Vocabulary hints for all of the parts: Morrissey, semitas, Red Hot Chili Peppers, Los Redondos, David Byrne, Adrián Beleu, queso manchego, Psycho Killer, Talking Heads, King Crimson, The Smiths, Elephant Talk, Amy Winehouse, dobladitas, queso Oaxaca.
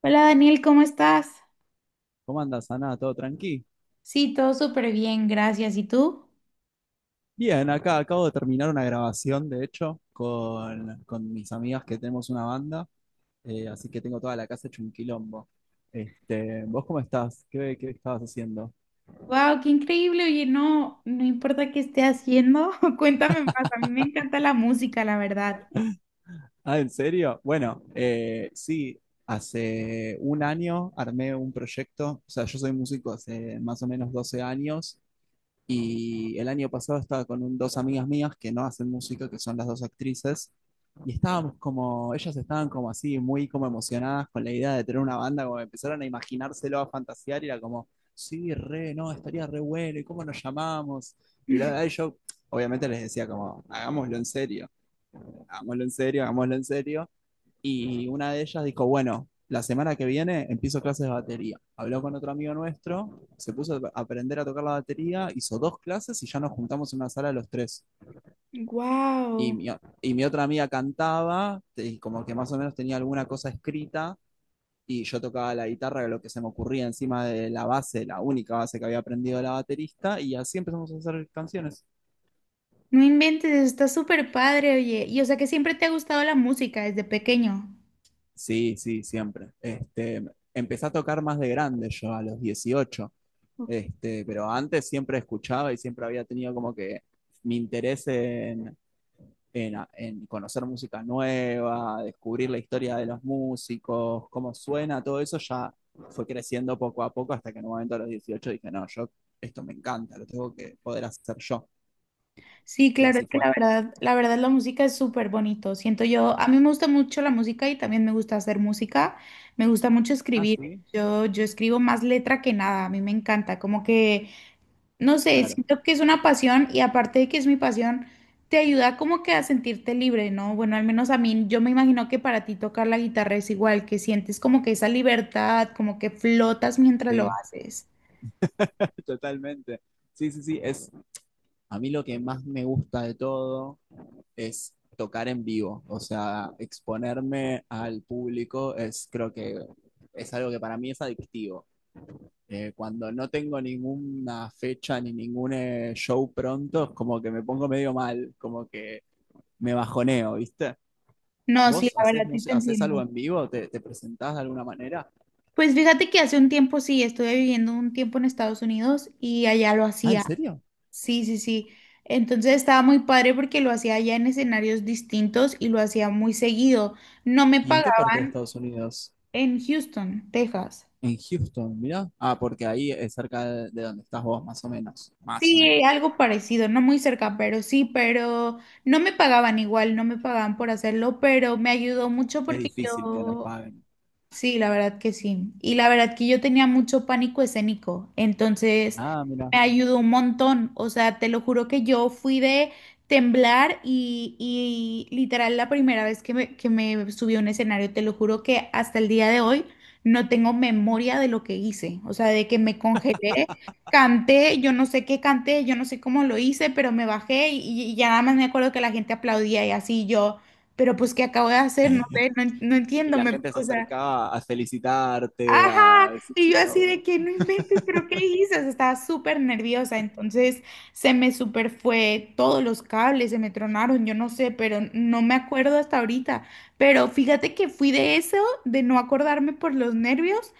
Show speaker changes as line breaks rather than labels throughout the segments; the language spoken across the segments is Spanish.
Hola Daniel, ¿cómo estás?
¿Cómo andas, Ana? ¿Todo tranqui?
Sí, todo súper bien, gracias. ¿Y tú?
Bien, acá acabo de terminar una grabación, de hecho, con mis amigas que tenemos una banda, así que tengo toda la casa hecho un quilombo. Este, ¿vos cómo estás? ¿Qué estabas haciendo?
Wow, qué increíble. Oye, no, no importa qué esté haciendo, cuéntame más. A mí me encanta la música, la verdad.
Ah, ¿en serio? Bueno, sí, hace un año armé un proyecto, o sea, yo soy músico hace más o menos 12 años. Y el año pasado estaba con dos amigas mías que no hacen música, que son las dos actrices, y estábamos como, ellas estaban como así, muy como emocionadas con la idea de tener una banda, como empezaron a imaginárselo, a fantasear, y era como, sí, re, no, estaría re bueno, ¿y cómo nos llamamos? Y bla, bla, bla, y yo obviamente les decía como, hagámoslo en serio, hagámoslo en serio, hagámoslo en serio, y una de ellas dijo, bueno, la semana que viene empiezo clases de batería. Habló con otro amigo nuestro, se puso a aprender a tocar la batería, hizo dos clases y ya nos juntamos en una sala los tres. Y
Wow,
mi, y mi otra amiga cantaba y como que más o menos tenía alguna cosa escrita, y yo tocaba la guitarra, lo que se me ocurría encima de la base, la única base que había aprendido de la baterista, y así empezamos a hacer canciones.
no inventes, está súper padre, oye. Y o sea que siempre te ha gustado la música desde pequeño.
Sí, sí, siempre. Empecé a tocar más de grande yo, a los 18.
Ok.
Pero antes siempre escuchaba y siempre había tenido como que mi interés en, conocer música nueva, descubrir la historia de los músicos, cómo suena. Todo eso ya fue creciendo poco a poco hasta que en un momento a los 18 dije, no, yo esto me encanta, lo tengo que poder hacer yo.
Sí,
Y
claro, es
así
que
fue.
la verdad la música es súper bonito. Siento yo, a mí me gusta mucho la música y también me gusta hacer música. Me gusta mucho
Ah,
escribir.
sí,
Yo escribo más letra que nada. A mí me encanta, como que no sé,
claro,
siento que es una pasión y aparte de que es mi pasión, te ayuda como que a sentirte libre, ¿no? Bueno, al menos a mí, yo me imagino que para ti tocar la guitarra es igual, que sientes como que esa libertad, como que flotas mientras lo
sí,
haces.
totalmente. Sí, sí, sí, es a mí lo que más me gusta de todo es tocar en vivo, o sea, exponerme al público es creo que es algo que para mí es adictivo. Cuando no tengo ninguna fecha ni ningún show pronto, es como que me pongo medio mal, como que me bajoneo, ¿viste?
No, sí,
¿Vos
la
haces,
verdad sí te
haces algo
entiendo.
en vivo? ¿Te presentás de alguna manera?
Pues fíjate que hace un tiempo sí, estuve viviendo un tiempo en Estados Unidos y allá lo
Ah, ¿en
hacía.
serio?
Sí, sí, sí. Entonces estaba muy padre porque lo hacía allá en escenarios distintos y lo hacía muy seguido. No me
¿Y en qué parte de
pagaban
Estados Unidos?
en Houston, Texas.
En Houston, mira. Ah, porque ahí es cerca de, donde estás vos, más o menos. Más o menos.
Sí, algo parecido, no muy cerca, pero sí, pero no me pagaban igual, no me pagaban por hacerlo, pero me ayudó mucho
Es
porque
difícil que nos
yo
paguen.
sí, la verdad que sí. Y la verdad que yo tenía mucho pánico escénico, entonces
Ah, mira.
me ayudó un montón. O sea, te lo juro que yo fui de temblar y literal la primera vez que me subí a un escenario, te lo juro que hasta el día de hoy no tengo memoria de lo que hice. O sea, de que me congelé, canté, yo no sé qué canté, yo no sé cómo lo hice, pero me bajé y ya nada más me acuerdo que la gente aplaudía y así yo. Pero pues, ¿qué acabo de hacer? No sé, no, no
Y
entiendo.
la
Me,
gente se
o sea,
acercaba a felicitarte, a
ajá, y
decirte,
yo así
"Oh".
de que no inventes, pero ¿qué dices? Estaba súper nerviosa, entonces se me super fue todos los cables, se me tronaron, yo no sé, pero no me acuerdo hasta ahorita. Pero fíjate que fui de eso, de no acordarme por los nervios,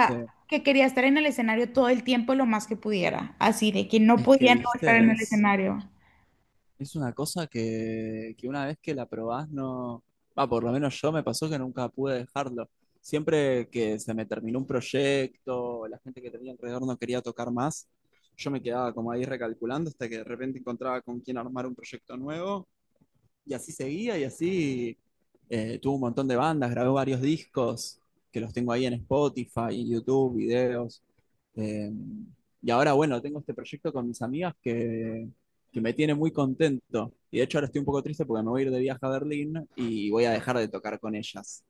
Sí,
que quería estar en el escenario todo el tiempo lo más que pudiera, así de que no
es que
podía no estar en
viste,
el
es,
escenario.
es una cosa que una vez que la probás no, va, por lo menos yo, me pasó que nunca pude dejarlo. Siempre que se me terminó un proyecto, la gente que tenía alrededor no quería tocar más, yo me quedaba como ahí recalculando hasta que de repente encontraba con quién armar un proyecto nuevo. Y así seguía, y así tuvo un montón de bandas, grabó varios discos que los tengo ahí en Spotify, en YouTube, videos. Eh, y ahora, bueno, tengo este proyecto con mis amigas que, me tiene muy contento. Y de hecho ahora estoy un poco triste porque me voy a ir de viaje a Berlín y voy a dejar de tocar con ellas.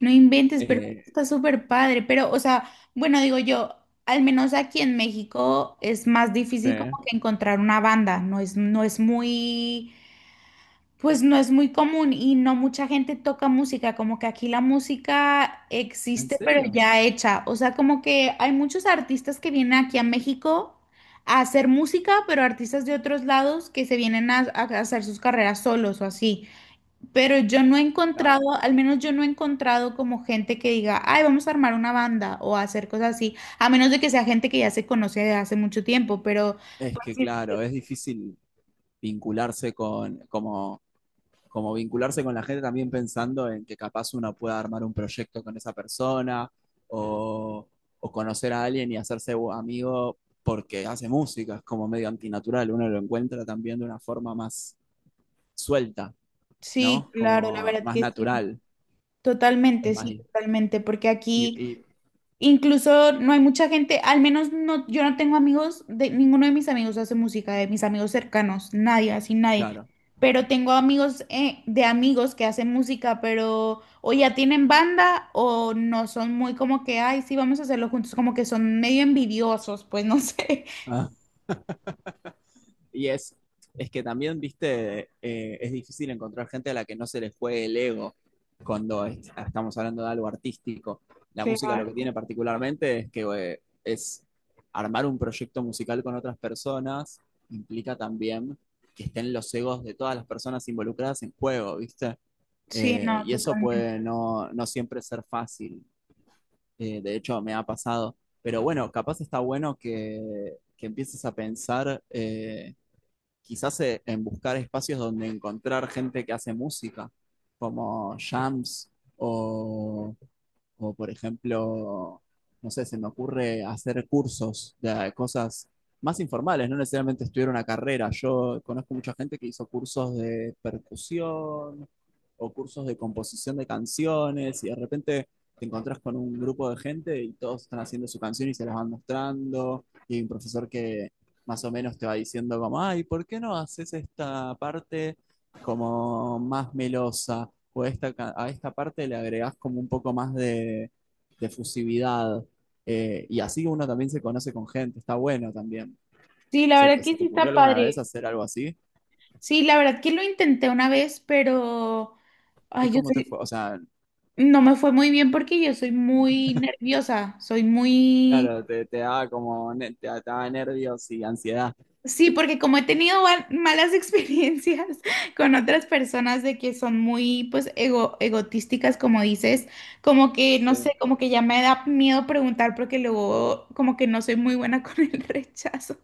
No inventes, pero
Eh,
está súper padre. Pero, o sea, bueno, digo yo, al menos aquí en México es más
¿Sí?
difícil como que encontrar una banda. No es muy, pues no es muy común y no mucha gente toca música. Como que aquí la música
¿En
existe, pero
serio?
ya hecha. O sea, como que hay muchos artistas que vienen aquí a México a hacer música, pero artistas de otros lados que se vienen a hacer sus carreras solos o así. Pero yo no he encontrado,
Claro.
al menos yo no he encontrado como gente que diga, ay, vamos a armar una banda o a hacer cosas así, a menos de que sea gente que ya se conoce de hace mucho tiempo, pero
Es que claro, es difícil vincularse con, como vincularse con la gente, también pensando en que capaz uno pueda armar un proyecto con esa persona, o, o, conocer a alguien y hacerse amigo porque hace música, es como medio antinatural. Uno lo encuentra también de una forma más suelta,
sí,
¿no?
claro, la
Como
verdad
más
que
natural, es más.
sí,
Y,
totalmente, porque aquí
y
incluso no hay mucha gente, al menos no, yo no tengo amigos, de, ninguno de mis amigos hace música, de mis amigos cercanos, nadie, así nadie.
claro.
Pero tengo amigos de amigos que hacen música, pero o ya tienen banda o no son muy como que, ay, sí, vamos a hacerlo juntos, como que son medio envidiosos, pues no sé.
Ah. Y es que también, viste, es difícil encontrar gente a la que no se les juegue el ego cuando estamos hablando de algo artístico. La música lo
Claro.
que tiene particularmente es que es armar un proyecto musical con otras personas, implica también que estén los egos de todas las personas involucradas en juego, ¿viste?
Sí,
Eh,
no,
y eso
totalmente.
puede no, no siempre ser fácil. De hecho, me ha pasado. Pero bueno, capaz está bueno que empieces a pensar, quizás en buscar espacios donde encontrar gente que hace música, como jams, o o por ejemplo, no sé, se me ocurre hacer cursos de cosas más informales, no necesariamente estudiar una carrera. Yo conozco mucha gente que hizo cursos de percusión o cursos de composición de canciones, y de repente te encontrás con un grupo de gente y todos están haciendo su canción y se las van mostrando, y hay un profesor que más o menos te va diciendo como, ay, ¿por qué no haces esta parte como más melosa? O a esta, parte le agregás como un poco más de fusividad. Y así uno también se conoce con gente, está bueno también.
Sí, la
¿Se,
verdad que
se te
sí
ocurrió
está
alguna vez
padre.
hacer algo así?
Sí, la verdad que lo intenté una vez, pero,
¿Y
ay, yo
cómo te fue?
soy,
O sea,
no me fue muy bien porque yo soy muy nerviosa, soy muy...
claro, te, da como, te da nervios y ansiedad.
Sí, porque como he tenido malas experiencias con otras personas de que son muy, pues, egotísticas, como dices, como que, no sé,
Sí,
como que ya me da miedo preguntar porque luego como que no soy muy buena con el rechazo.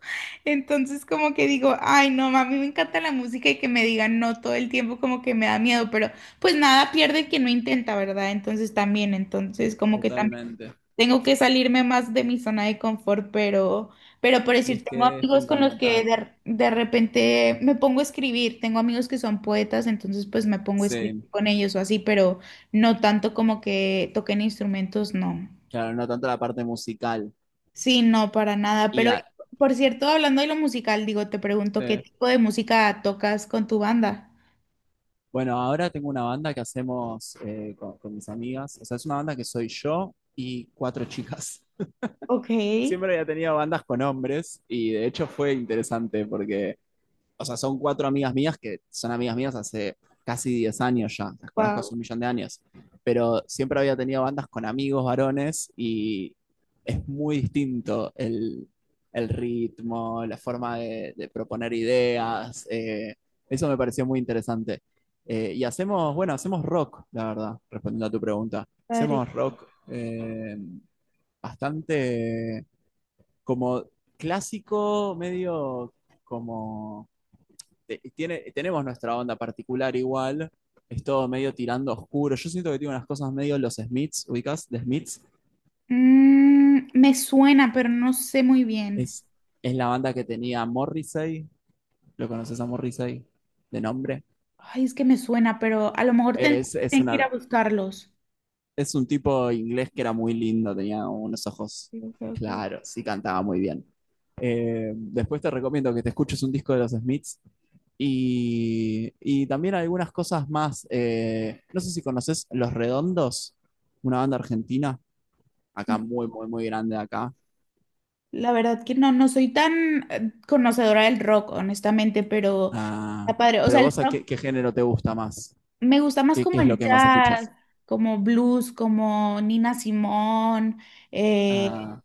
Entonces como que digo, ay, no, ma, a mí me encanta la música y que me digan no todo el tiempo como que me da miedo, pero pues nada pierde el que no intenta, ¿verdad? Entonces también, entonces como que...
totalmente.
Tengo que salirme más de mi zona de confort, pero por
Y es
decir, tengo
que es
amigos con los que
fundamental.
de repente me pongo a escribir. Tengo amigos que son poetas, entonces pues me pongo a escribir
Sí,
con ellos o así, pero no tanto como que toquen instrumentos, no.
claro, no tanto la parte musical.
Sí, no, para nada.
Y
Pero
a-
por cierto, hablando de lo musical, digo, te pregunto, ¿qué
sí.
tipo de música tocas con tu banda?
Bueno, ahora tengo una banda que hacemos con mis amigas. O sea, es una banda que soy yo y cuatro chicas.
Ok,
Siempre había tenido bandas con hombres y de hecho fue interesante porque, o sea, son cuatro amigas mías que son amigas mías hace casi 10 años ya, las conozco
wow,
hace un millón de años, pero siempre había tenido bandas con amigos varones, y es muy distinto el, ritmo, la forma de proponer ideas, eso me pareció muy interesante. Y hacemos, bueno, hacemos rock, la verdad, respondiendo a tu pregunta.
padre.
Hacemos rock, bastante como clásico, medio como. Tenemos nuestra onda particular igual, es todo medio tirando oscuro. Yo siento que tiene unas cosas medio los Smiths, ubicás, The Smiths.
Mm, me suena, pero no sé muy bien.
Es, es la banda que tenía Morrissey, ¿lo conoces a Morrissey de nombre?
Ay, es que me suena, pero a lo mejor
Es, es,
tengo que ir a
una,
buscarlos.
es un tipo inglés que era muy lindo, tenía unos ojos
Sí, ok, ok.
claros y cantaba muy bien. Después te recomiendo que te escuches un disco de los Smiths. Y también algunas cosas más. No sé si conoces Los Redondos, una banda argentina, acá muy, muy, muy grande acá.
La verdad que no, no soy tan conocedora del rock, honestamente, pero
Ah,
está padre. O sea,
pero
el
vos, ¿a qué,
rock
qué género te gusta más?
me gusta más
¿Qué,
como
qué es lo
el
que más
jazz,
escuchas?
como blues, como Nina Simone, eh,
Ah,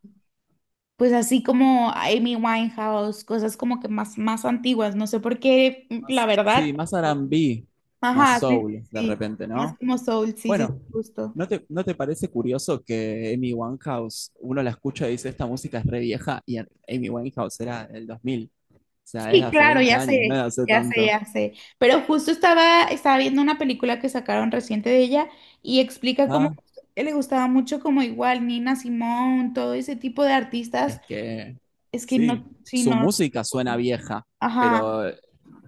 pues así como Amy Winehouse, cosas como que más, más antiguas. No sé por qué, mm, la
sí,
verdad.
más R&B, más
Ajá, sí,
soul,
sí,
de
sí,
repente,
más
¿no?
como soul, sí, sí, sí,
Bueno,
justo.
¿no te parece curioso que Amy Winehouse, uno la escucha y dice, esta música es re vieja, y Amy Winehouse era del 2000? O sea, es de
Sí,
hace
claro,
20
ya
años, no es
sé,
de hace
ya sé,
tanto.
ya sé. Pero justo estaba viendo una película que sacaron reciente de ella y explica cómo
Ah,
que le gustaba mucho como igual Nina Simón, todo ese tipo de artistas.
es que
Es que
sí,
no, sí,
su
no,
música suena vieja,
ajá,
pero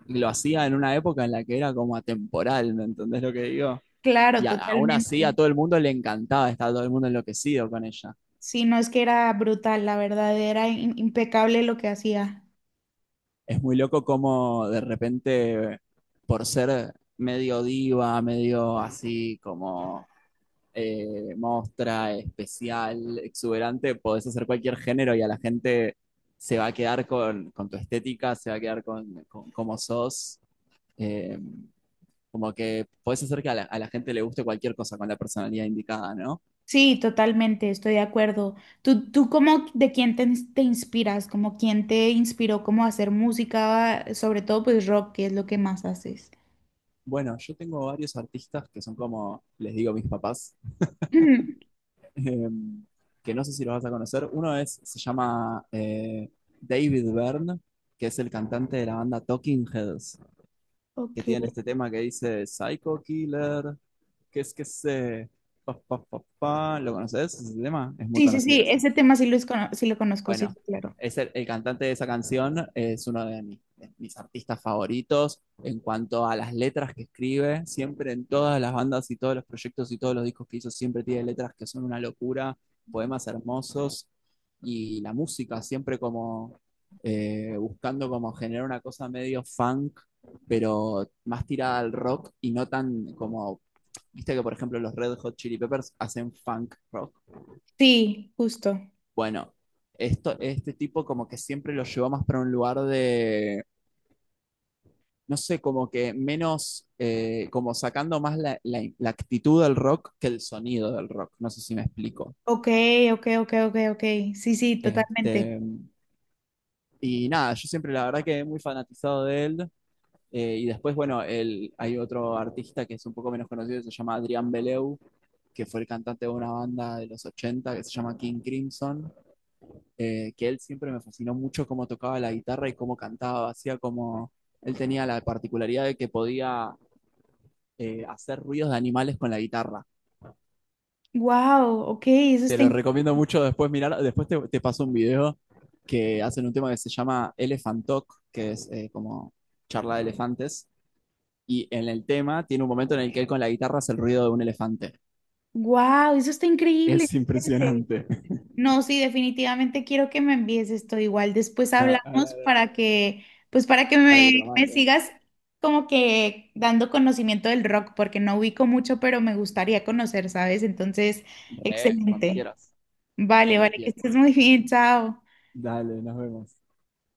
lo hacía en una época en la que era como atemporal, ¿me entendés lo que digo?
claro,
Aún así a
totalmente.
todo el mundo le encantaba, estaba todo el mundo enloquecido con ella.
Sí, no es que era brutal, la verdad, era impecable lo que hacía.
Es muy loco como de repente, por ser medio diva, medio así como mostra, especial, exuberante, podés hacer cualquier género y a la gente se va a quedar con, tu estética, se va a quedar con cómo sos. Eh, como que podés hacer que a la gente le guste cualquier cosa con la personalidad indicada, ¿no?
Sí, totalmente, estoy de acuerdo. ¿Tú cómo, de quién te, te inspiras? ¿Como quién te inspiró como a hacer música, sobre todo pues rock, que es lo que más haces?
Bueno, yo tengo varios artistas que son como, les digo, mis papás,
Ujú.
eh, que no sé si los vas a conocer. Uno es, se llama David Byrne, que es el cantante de la banda Talking Heads, que tiene
Ok.
este tema que dice Psycho Killer, que es que se. Pa, pa, pa, pa. ¿Lo conoces ese tema? Es muy
Sí, sí, sí,
conocido ese.
ese tema sí lo, sí lo conozco, sí, sí,
Bueno,
claro.
es el, cantante de esa canción es uno de mis artistas favoritos en cuanto a las letras que escribe. Siempre en todas las bandas y todos los proyectos y todos los discos que hizo, siempre tiene letras que son una locura, poemas hermosos, y la música siempre como buscando como generar una cosa medio funk, pero más tirada al rock y no tan como, viste que por ejemplo los Red Hot Chili Peppers hacen funk rock.
Sí, justo.
Bueno, este tipo como que siempre lo llevó más para un lugar de, no sé, como que menos, como sacando más la actitud del rock que el sonido del rock, no sé si me explico.
Ok, ok, ok, ok, ok. Sí, sí, totalmente.
Este, y nada, yo siempre la verdad que muy fanatizado de él. Y después, bueno, hay otro artista que es un poco menos conocido, que se llama Adrián Beleu, que fue el cantante de una banda de los 80 que se llama King Crimson. Que él siempre me fascinó mucho cómo tocaba la guitarra y cómo cantaba, hacía como, él tenía la particularidad de que podía hacer ruidos de animales con la guitarra.
Wow, ok, eso
Te
está,
lo recomiendo mucho después mirar, después te, paso un video que hacen un tema que se llama Elephant Talk, que es como charla de elefantes, y en el tema tiene un momento en el que él con la guitarra hace el ruido de un elefante.
wow, eso está increíble.
Es impresionante.
No, sí, definitivamente quiero que me envíes esto. Igual después
Ahora-
hablamos
ahora-
para que, pues para que
Para que te lo
me
mande.
sigas como que dando conocimiento del rock, porque no ubico mucho, pero me gustaría conocer, ¿sabes? Entonces,
Re, cuando
excelente.
quieras,
Vale,
cuando
vale, que
quieras.
estés muy bien, chao.
Dale, nos vemos.